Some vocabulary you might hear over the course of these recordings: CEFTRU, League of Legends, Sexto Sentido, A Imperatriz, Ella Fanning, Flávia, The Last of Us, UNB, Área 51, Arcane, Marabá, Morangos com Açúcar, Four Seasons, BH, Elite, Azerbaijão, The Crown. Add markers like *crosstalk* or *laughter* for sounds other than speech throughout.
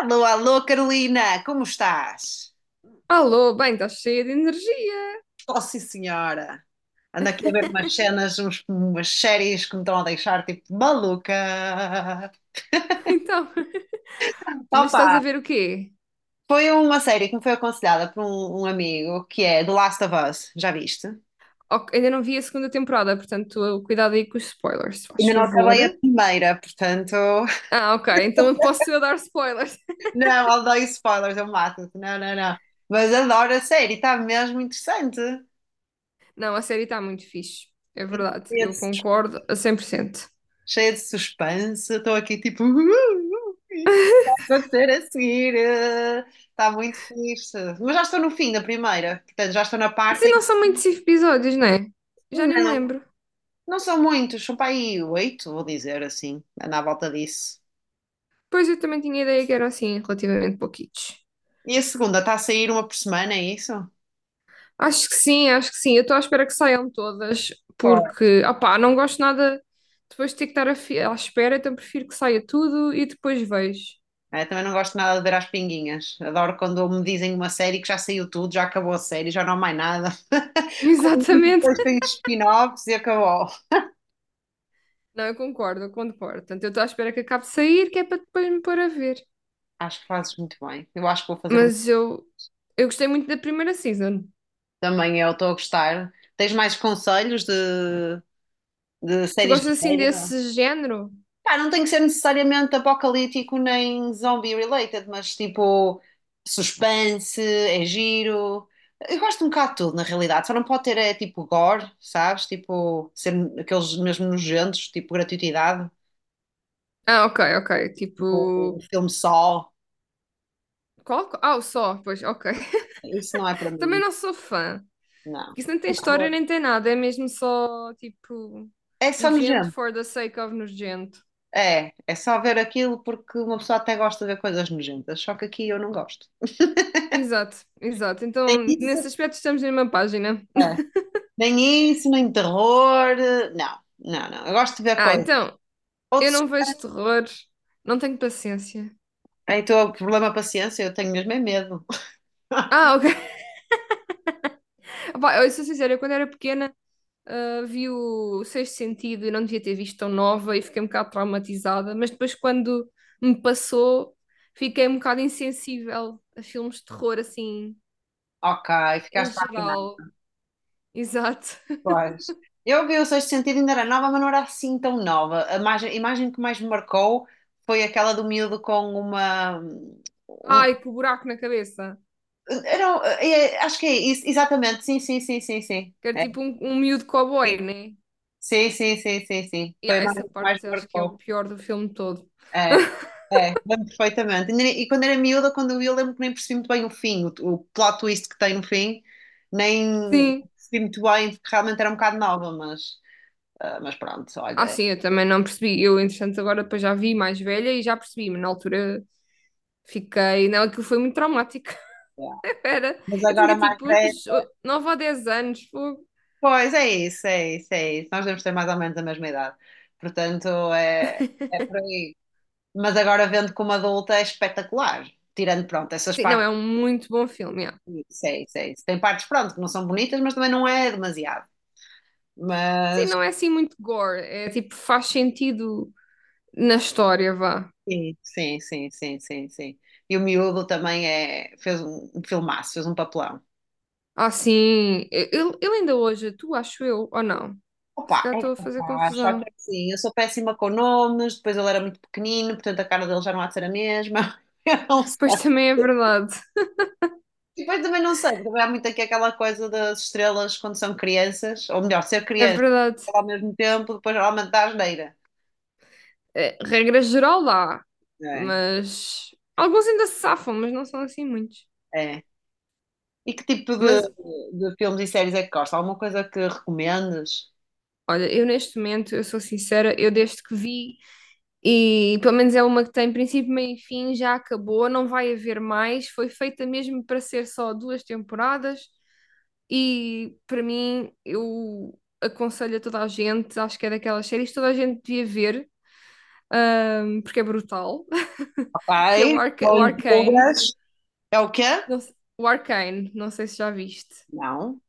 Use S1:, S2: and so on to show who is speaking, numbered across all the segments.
S1: Alô, alô, Carolina, como estás?
S2: Alô, bem, estás cheia de energia.
S1: Oh, sim, senhora. Ando aqui a ver umas
S2: *laughs*
S1: cenas, umas séries que me estão a deixar tipo maluca.
S2: Então, mas estás a
S1: Opa,
S2: ver o quê?
S1: foi uma série que me foi aconselhada por um amigo que é The Last of Us, já viste?
S2: Ok, ainda não vi a segunda temporada, portanto, cuidado aí com os spoilers, se faz
S1: Ainda não
S2: favor.
S1: acabei a primeira, portanto. *laughs*
S2: Ah, ok, então posso eu dar spoilers.
S1: Não, eu dou spoilers, eu mato-te. Não, não, não. Mas adoro a série, está mesmo interessante.
S2: Não, a série está muito fixe. É
S1: E
S2: verdade, eu concordo a 100%.
S1: Cheia de suspense, estou aqui tipo. *laughs* Vou ter a seguir. Está muito fixe. Mas já estou no fim da primeira. Portanto, já estou na
S2: Se
S1: parte em
S2: não
S1: que.
S2: são muitos episódios, não é? Já nem me
S1: Não,
S2: lembro.
S1: não são muitos. São para aí 8, vou dizer assim. Anda à volta disso.
S2: Pois eu também tinha ideia que eram assim, relativamente pouquitos.
S1: E a segunda está a sair uma por semana, é isso?
S2: Acho que sim, acho que sim. Eu estou à espera que saiam todas,
S1: Claro.
S2: porque, opá, não gosto nada depois de ter que estar à espera, então prefiro que saia tudo e depois vejo.
S1: É, também não gosto nada de ver as pinguinhas. Adoro quando me dizem uma série que já saiu tudo, já acabou a série, já não há mais nada.
S2: *laughs*
S1: *laughs* Como digo,
S2: Exatamente.
S1: depois tem spin-offs e acabou.
S2: Não, eu concordo. Portanto, eu estou à espera que acabe de sair, que é para depois me pôr a ver.
S1: Acho que fazes muito bem. Eu acho que vou fazer o mesmo
S2: Mas eu gostei muito da primeira season.
S1: também. Eu estou a gostar. Tens mais conselhos de
S2: Tu
S1: séries de
S2: gostas assim
S1: séries?
S2: desse género?
S1: Pá, não tem que ser necessariamente apocalíptico nem zombie related, mas tipo suspense, é giro. Eu gosto um bocado de tudo, na realidade. Só não pode ter é tipo gore, sabes? Tipo, ser aqueles mesmo nojentos, tipo gratuitidade,
S2: Ah, ok, ok. Tipo.
S1: tipo um filme só.
S2: Qual? Ah, o Só, pois, ok.
S1: Isso não é para
S2: *laughs* Também
S1: mim,
S2: não sou fã.
S1: não.
S2: Isso não tem história
S1: Terror.
S2: nem tem nada, é mesmo só tipo
S1: É só
S2: nojento
S1: nojento.
S2: for the sake of nojento.
S1: É, é só ver aquilo porque uma pessoa até gosta de ver coisas nojentas, só que aqui eu não gosto.
S2: Exato, exato.
S1: Nem
S2: Então,
S1: isso,
S2: nesse aspecto estamos na mesma página.
S1: é. Nem isso, nem terror, não, não, não. Eu gosto de ver
S2: Ah,
S1: coisas.
S2: então,
S1: Ou
S2: eu
S1: des...
S2: não vejo terror, não tenho paciência.
S1: Então, problema paciência, eu tenho mesmo é medo. *laughs*
S2: Ah, ok. *laughs* Pá, eu sou sincera, eu quando era pequena vi o Sexto Sentido e não devia ter visto tão nova e fiquei um bocado traumatizada, mas depois quando me passou, fiquei um bocado insensível a filmes de terror assim,
S1: Ok,
S2: em
S1: ficaste lá afinado.
S2: geral. Exato.
S1: Pois. Eu vi o Sexto Sentido, ainda era nova, mas não era assim tão nova. A imagem que mais me marcou foi aquela do miúdo com um-
S2: Ai, que buraco na cabeça.
S1: Acho que é isso, exatamente. Sim, sim, sim, sim, sim.
S2: Que era
S1: É,
S2: tipo um miúdo cowboy, né?
S1: sim, sim, sim, sim, sim, sim.
S2: E
S1: Foi a
S2: há
S1: imagem
S2: essa
S1: que mais
S2: parte
S1: me
S2: acho que é o
S1: marcou.
S2: pior do filme todo.
S1: É, é, lembro perfeitamente. E nem- e quando era miúda, quando eu vi, lembro que nem percebi muito bem o fim, o plot twist que tem no fim, nem
S2: Sim.
S1: percebi muito bem, porque realmente era um bocado nova, mas, ah, mas pronto, olha.
S2: Ah,
S1: É.
S2: sim, eu também não percebi. Eu, entretanto, agora depois já vi mais velha e já percebi, mas na altura fiquei. Não, aquilo foi muito traumático. *laughs* Era,
S1: Mas
S2: eu
S1: agora
S2: tinha
S1: mais
S2: tipo
S1: velha.
S2: uns 9 ou 10 anos. Fogo.
S1: Pois é isso, é isso, é isso. Nós devemos ter mais ou menos a mesma idade. Portanto, é, é por aí. Mas agora vendo como adulta é espetacular. Tirando, pronto, essas
S2: Sim, não, é
S1: partes.
S2: um muito bom filme. Yeah.
S1: Isso, é isso, é isso. Tem partes, pronto, que não são bonitas, mas também não é demasiado.
S2: Sim,
S1: Mas.
S2: não é assim muito gore. É tipo, faz sentido na história, vá.
S1: Sim, sim, sim, sim, sim, sim. E o miúdo também é, fez um filmaço, fez um papelão.
S2: Ah, sim. Eu ainda hoje, tu acho eu, ou não? Se
S1: Opa,
S2: calhar
S1: é
S2: estou a fazer
S1: capaz, só que
S2: confusão.
S1: assim, eu sou péssima com nomes, depois ele era muito pequenino, portanto a cara dele já não há de ser a mesma. *laughs* Eu não sei.
S2: Pois também é verdade.
S1: E depois também não sei, também há muito aqui aquela coisa das estrelas quando são crianças, ou melhor, ser
S2: É
S1: criança
S2: verdade.
S1: ao mesmo tempo, depois geralmente dá asneira.
S2: É, regra geral dá,
S1: É,
S2: mas alguns ainda se safam, mas não são assim muitos.
S1: é. E que tipo
S2: Mas
S1: de filmes e séries é que gosta? Alguma coisa que recomendes?
S2: olha, eu neste momento, eu sou sincera, eu desde que vi, e pelo menos é uma que tem princípio, meio e fim, já acabou, não vai haver mais. Foi feita mesmo para ser só duas temporadas, e para mim, eu aconselho a toda a gente, acho que é daquelas séries que toda a gente devia ver, porque é brutal, *laughs* que é o,
S1: Ok,
S2: Arca
S1: só
S2: o
S1: em
S2: Arcane.
S1: todas. É o quê?
S2: O Arcane, não sei se já viste.
S1: Não,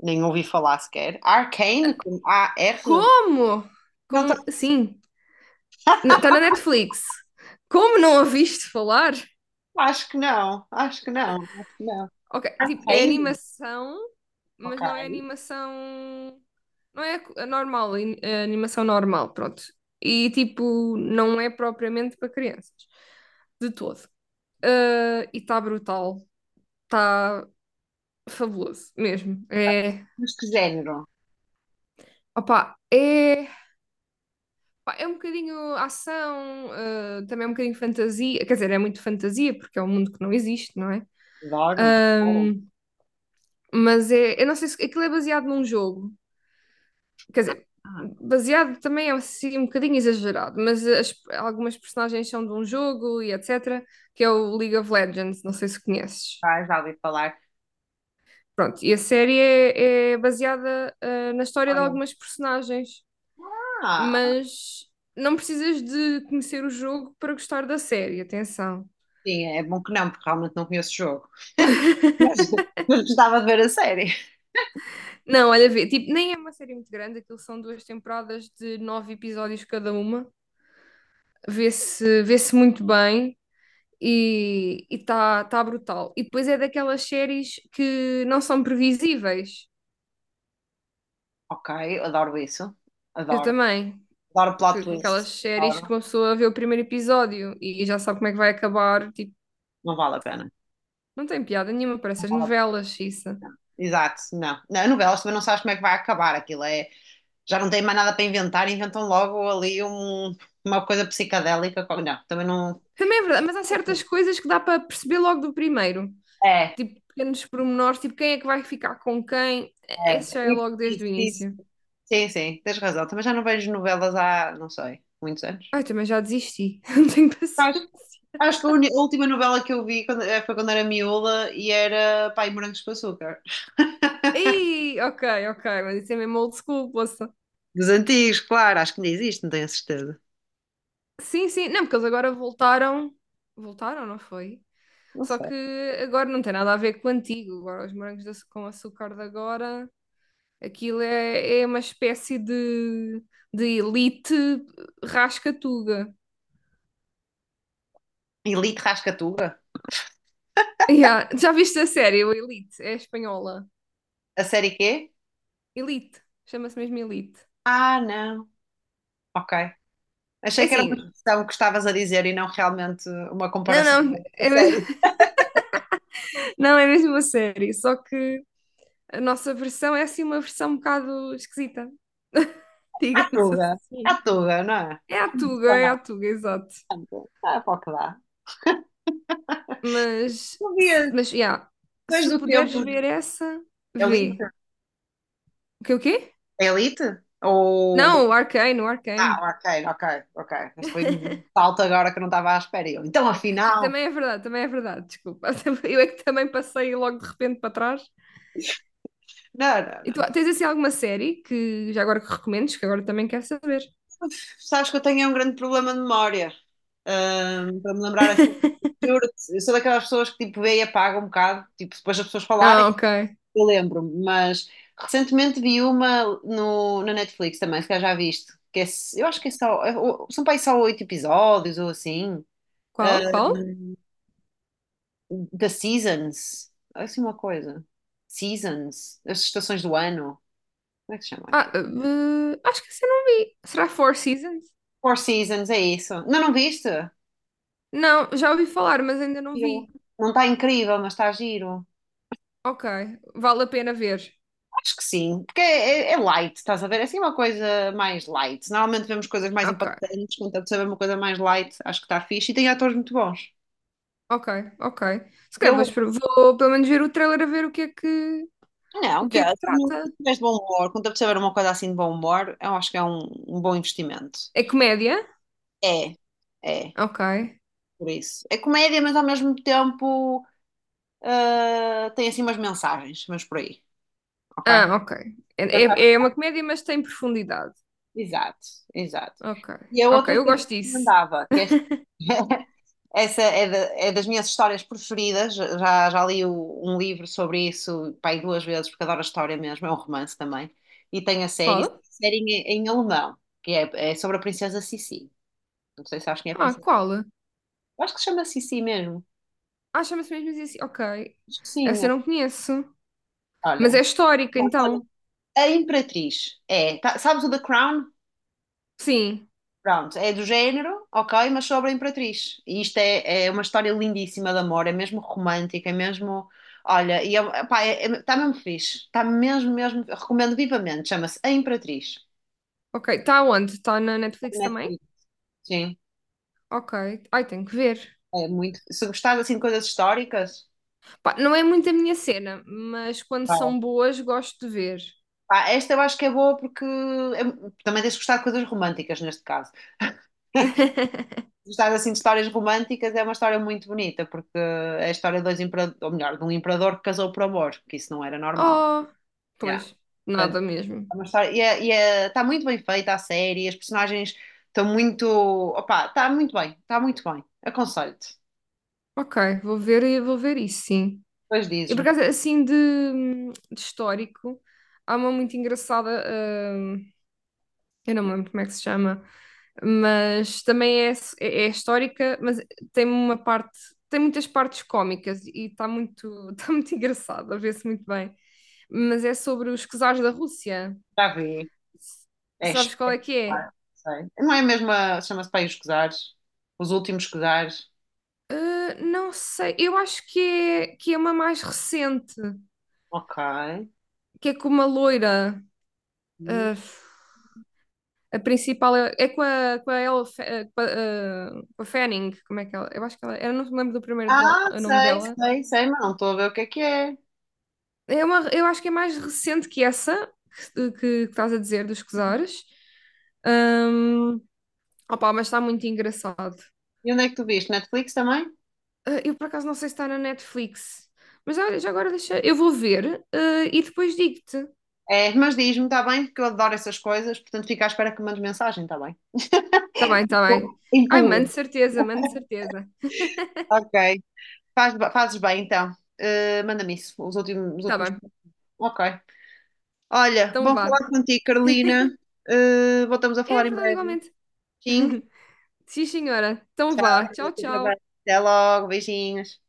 S1: nem ouvi falar sequer. Arcane, com A-R?
S2: Como?
S1: Não tá,
S2: Sim, está na Netflix. Como não a viste falar?
S1: Acho que não, acho que não, acho que não.
S2: Ok, tipo, é
S1: Arcane,
S2: animação,
S1: ok.
S2: mas não é animação. Não é a normal, é animação normal, pronto. E tipo, não é propriamente para crianças, de todo. Ah, e está brutal, está fabuloso mesmo. É,
S1: Mas que género?
S2: opa é Pá, É um bocadinho ação, também é um bocadinho fantasia, quer dizer, é muito fantasia, porque é um mundo que não existe, não é?
S1: Adoro, adoro.
S2: Ahm, mas é, eu não sei se aquilo é baseado num jogo, quer dizer,
S1: Ah,
S2: baseado também é assim, um bocadinho exagerado, mas algumas personagens são de um jogo e etc., que é o League of Legends, não sei se conheces.
S1: tá, já ouvi falar.
S2: Pronto, e a série é baseada, na história de
S1: Olha,
S2: algumas personagens,
S1: ah,
S2: mas não precisas de conhecer o jogo para gostar da série, atenção.
S1: sim, é bom que não, porque realmente não conheço o jogo.
S2: *laughs*
S1: Mas *laughs* mas gostava de ver a série.
S2: Não, olha, vê, tipo, nem é uma série muito grande, aquilo são duas temporadas de nove episódios cada uma. Vê-se muito bem e está brutal. E depois é daquelas séries que não são previsíveis.
S1: Ok, adoro isso.
S2: Eu
S1: Adoro.
S2: também.
S1: Adoro plot
S2: Que
S1: twist.
S2: Aquelas séries que
S1: Adoro.
S2: uma pessoa vê o primeiro episódio e já sabe como é que vai acabar. Tipo,
S1: Não vale a pena.
S2: não tem piada nenhuma,
S1: Não
S2: parece as
S1: vale a pena.
S2: novelas, isso.
S1: Exato, não. Na novela, também não sabes como é que vai acabar aquilo. É, já não têm mais nada para inventar, inventam logo uma coisa psicadélica. Não, também não.
S2: Também é verdade, mas há certas coisas que dá para perceber logo do primeiro.
S1: É, é.
S2: Tipo, pequenos pormenores, tipo, quem é que vai ficar com quem? Esse já é
S1: Isso,
S2: logo desde
S1: isso,
S2: o
S1: isso.
S2: início.
S1: Sim, sim, tens razão. Também já não vejo novelas há, não sei, muitos anos.
S2: Ai, também já desisti, *laughs* não tenho
S1: Acho,
S2: paciência.
S1: Acho que a última novela que eu vi foi quando era miúda e era Pai Morangos com Açúcar. *laughs*
S2: Ih, ok, ok, mas isso é mesmo old school, poça.
S1: Dos antigos, claro, acho que ainda existe, não tenho a certeza.
S2: Sim, sim, não, porque eles agora voltaram. Voltaram, não foi?
S1: Não
S2: Só
S1: sei.
S2: que agora não tem nada a ver com o antigo. Agora os morangos com açúcar de agora, aquilo é uma espécie de elite rascatuga.
S1: Elite Rascatuga?
S2: Yeah, já viste a série, o Elite? É espanhola.
S1: A série quê?
S2: Elite, chama-se mesmo Elite.
S1: Ah, não. Ok.
S2: É
S1: Achei que era uma
S2: assim,
S1: expressão que estavas a dizer e não realmente uma
S2: não,
S1: comparação
S2: não,
S1: com a
S2: é mesmo,
S1: série.
S2: *laughs* não, é mesmo a série, só que a nossa versão é assim uma versão um bocado esquisita, *laughs*
S1: À
S2: digamos
S1: tuga, à
S2: assim.
S1: tuga, não é? Está na
S2: É a Tuga, exato.
S1: tuga. Ah, pá, que dá.
S2: Mas,
S1: Não
S2: se-
S1: vias.
S2: mas, yeah,
S1: Depois
S2: se
S1: do
S2: puderes
S1: tempo. de
S2: ver essa,
S1: Elite?
S2: vê. O quê, o quê?
S1: Elite? Ou. do-
S2: Não, o Arcane, o
S1: Ah,
S2: Arcane.
S1: ok, ok, ok. Mas foi um salto agora que eu não estava à espera. E eu, então,
S2: Sim,
S1: afinal.
S2: também é verdade, desculpa. *laughs* Eu é que também passei logo de repente para trás.
S1: Não, não,
S2: E tu
S1: não.
S2: tens assim alguma série que já agora que recomendes, que agora também quero saber?
S1: Sabes que eu tenho um grande problema de memória. Para me lembrar assim.
S2: *laughs*
S1: Juro-te, eu sou daquelas pessoas que tipo vê e apaga um bocado, tipo, depois as pessoas falarem.
S2: Não, ok.
S1: Eu lembro-me, mas recentemente vi uma na Netflix também, se calhar já viste, eu acho que é são para aí só oito episódios ou assim,
S2: Qual, qual?
S1: da Seasons, é assim uma coisa, Seasons, as estações do ano, como é que se chama
S2: Ah,
S1: aqui?
S2: acho que essa eu não vi. Será Four Seasons?
S1: Four Seasons, é isso. Não, não viste?
S2: Não, já ouvi falar, mas ainda não
S1: Giro.
S2: vi.
S1: Não está incrível, mas está giro.
S2: Ok, vale a pena ver.
S1: Acho que sim, porque é light, estás a ver? É assim uma coisa mais light. Normalmente vemos coisas mais
S2: Ok,
S1: impactantes, contanto saber uma coisa mais light, acho que está fixe e tem atores muito bons.
S2: ok, ok. Se
S1: E
S2: calhar
S1: eu
S2: vou, vou pelo menos ver o trailer a ver o que é que, o
S1: não, vê,
S2: que é que
S1: se não
S2: trata.
S1: tiveres de bom humor, quando a pessoa tiver uma coisa assim de bom humor, eu acho que é um, um bom investimento.
S2: É comédia?
S1: É, é,
S2: Ok.
S1: por isso. É comédia, mas ao mesmo tempo tem assim umas mensagens, mas por aí, ok?
S2: Ah, ok. É,
S1: Portanto,
S2: é é
S1: acho-
S2: uma comédia, mas tem profundidade.
S1: exato, exato.
S2: Ok,
S1: E a
S2: ok,
S1: outra coisa
S2: eu
S1: que eu
S2: gosto disso.
S1: recomendava, que é *laughs* essa é, é das minhas histórias preferidas. Já li um livro sobre isso, pai, duas vezes, porque adoro a história mesmo. É um romance também. E tem a série,
S2: Qual?
S1: série em alemão, é sobre a princesa Sissi. Não sei se sabes quem é a
S2: Ah,
S1: princesa.
S2: qual?
S1: Eu acho que se chama Sissi mesmo.
S2: Ah, chama-se mesmo assim. Ok.
S1: Acho que sim.
S2: Essa eu não conheço. Mas
S1: Olha,
S2: é histórica, então.
S1: a Imperatriz. É, tá- sabes o The Crown?
S2: Sim.
S1: Pronto, é do género, ok, mas sobre a Imperatriz. E isto é uma história lindíssima de amor, é mesmo romântica, é mesmo. Olha, e é, pá, tá mesmo fixe, está mesmo, mesmo. Recomendo vivamente, chama-se A Imperatriz.
S2: Ok, está onde? Está na Netflix também?
S1: Netflix. Sim,
S2: Ok. Ai, tenho que ver.
S1: é muito. Se gostares assim de coisas históricas,
S2: Pá, não é muito a minha cena, mas quando
S1: vai.
S2: são boas gosto de ver.
S1: Pá, esta eu acho que é boa também tens de gostar de coisas românticas neste caso.
S2: *laughs*
S1: Se gostares assim de histórias românticas, é uma história muito bonita, porque é a história de dois imperadores, ou melhor, de um imperador que casou por amor, que isso não era normal.
S2: Oh, pois,
S1: Yeah.
S2: nada mesmo.
S1: É uma história- está muito bem feita a série, as personagens estão muito. Opa, está muito bem, está muito bem. Aconselho-te.
S2: Ok, vou ver e vou ver isso, sim.
S1: Depois
S2: E por
S1: dizes-me que
S2: acaso, assim de histórico, há uma muito engraçada, hum, eu não me lembro como é que se chama, mas também é histórica, mas tem uma parte, tem muitas partes cómicas e está muito, *laughs* está muito engraçado, a ver-se muito bem. Mas é sobre os czares da Rússia.
S1: já vi.
S2: S-
S1: É
S2: Sabes qual é que é?
S1: espetacular, sei. Não é mesmo a. Chama-se Pai os Cosares? Os Últimos Cosares?
S2: Ah, não sei, eu acho que é uma mais recente,
S1: Ok.
S2: que é com uma loira. Ah, a principal é com a Ella Fa- ah, com a Fanning, como é que ela? Eu acho que ela. Eu não me lembro do primeiro
S1: Ah,
S2: nome
S1: sei,
S2: dela.
S1: sei, sei, mas não estou a ver o que é que é.
S2: Eu acho que é mais recente que essa que estás a dizer dos Cesores. Hum, Opá, mas está muito engraçado.
S1: E onde é que tu viste? Netflix também?
S2: Ah, eu por acaso não sei se está na Netflix, mas olha, já agora deixa. Eu vou ver, e depois digo-te.
S1: É, mas diz-me, está bem, porque eu adoro essas coisas, portanto fica à espera que me mandes mensagem, está bem?
S2: Tá bem, tá bem. Ai, mano, de
S1: Empurras.
S2: certeza, mano, de certeza.
S1: Ok, fazes bem, então. Eh, manda-me isso, os últimos, os
S2: Tá
S1: últimos.
S2: bem,
S1: Ok. Olha,
S2: então
S1: bom
S2: vá.
S1: falar contigo, Carolina. Eh, voltamos a
S2: É
S1: falar em
S2: verdade,
S1: breve.
S2: igualmente.
S1: Sim.
S2: *laughs* Sim, senhora. Então vá. Tchau,
S1: Fica bem.
S2: tchau.
S1: Até logo, beijinhos.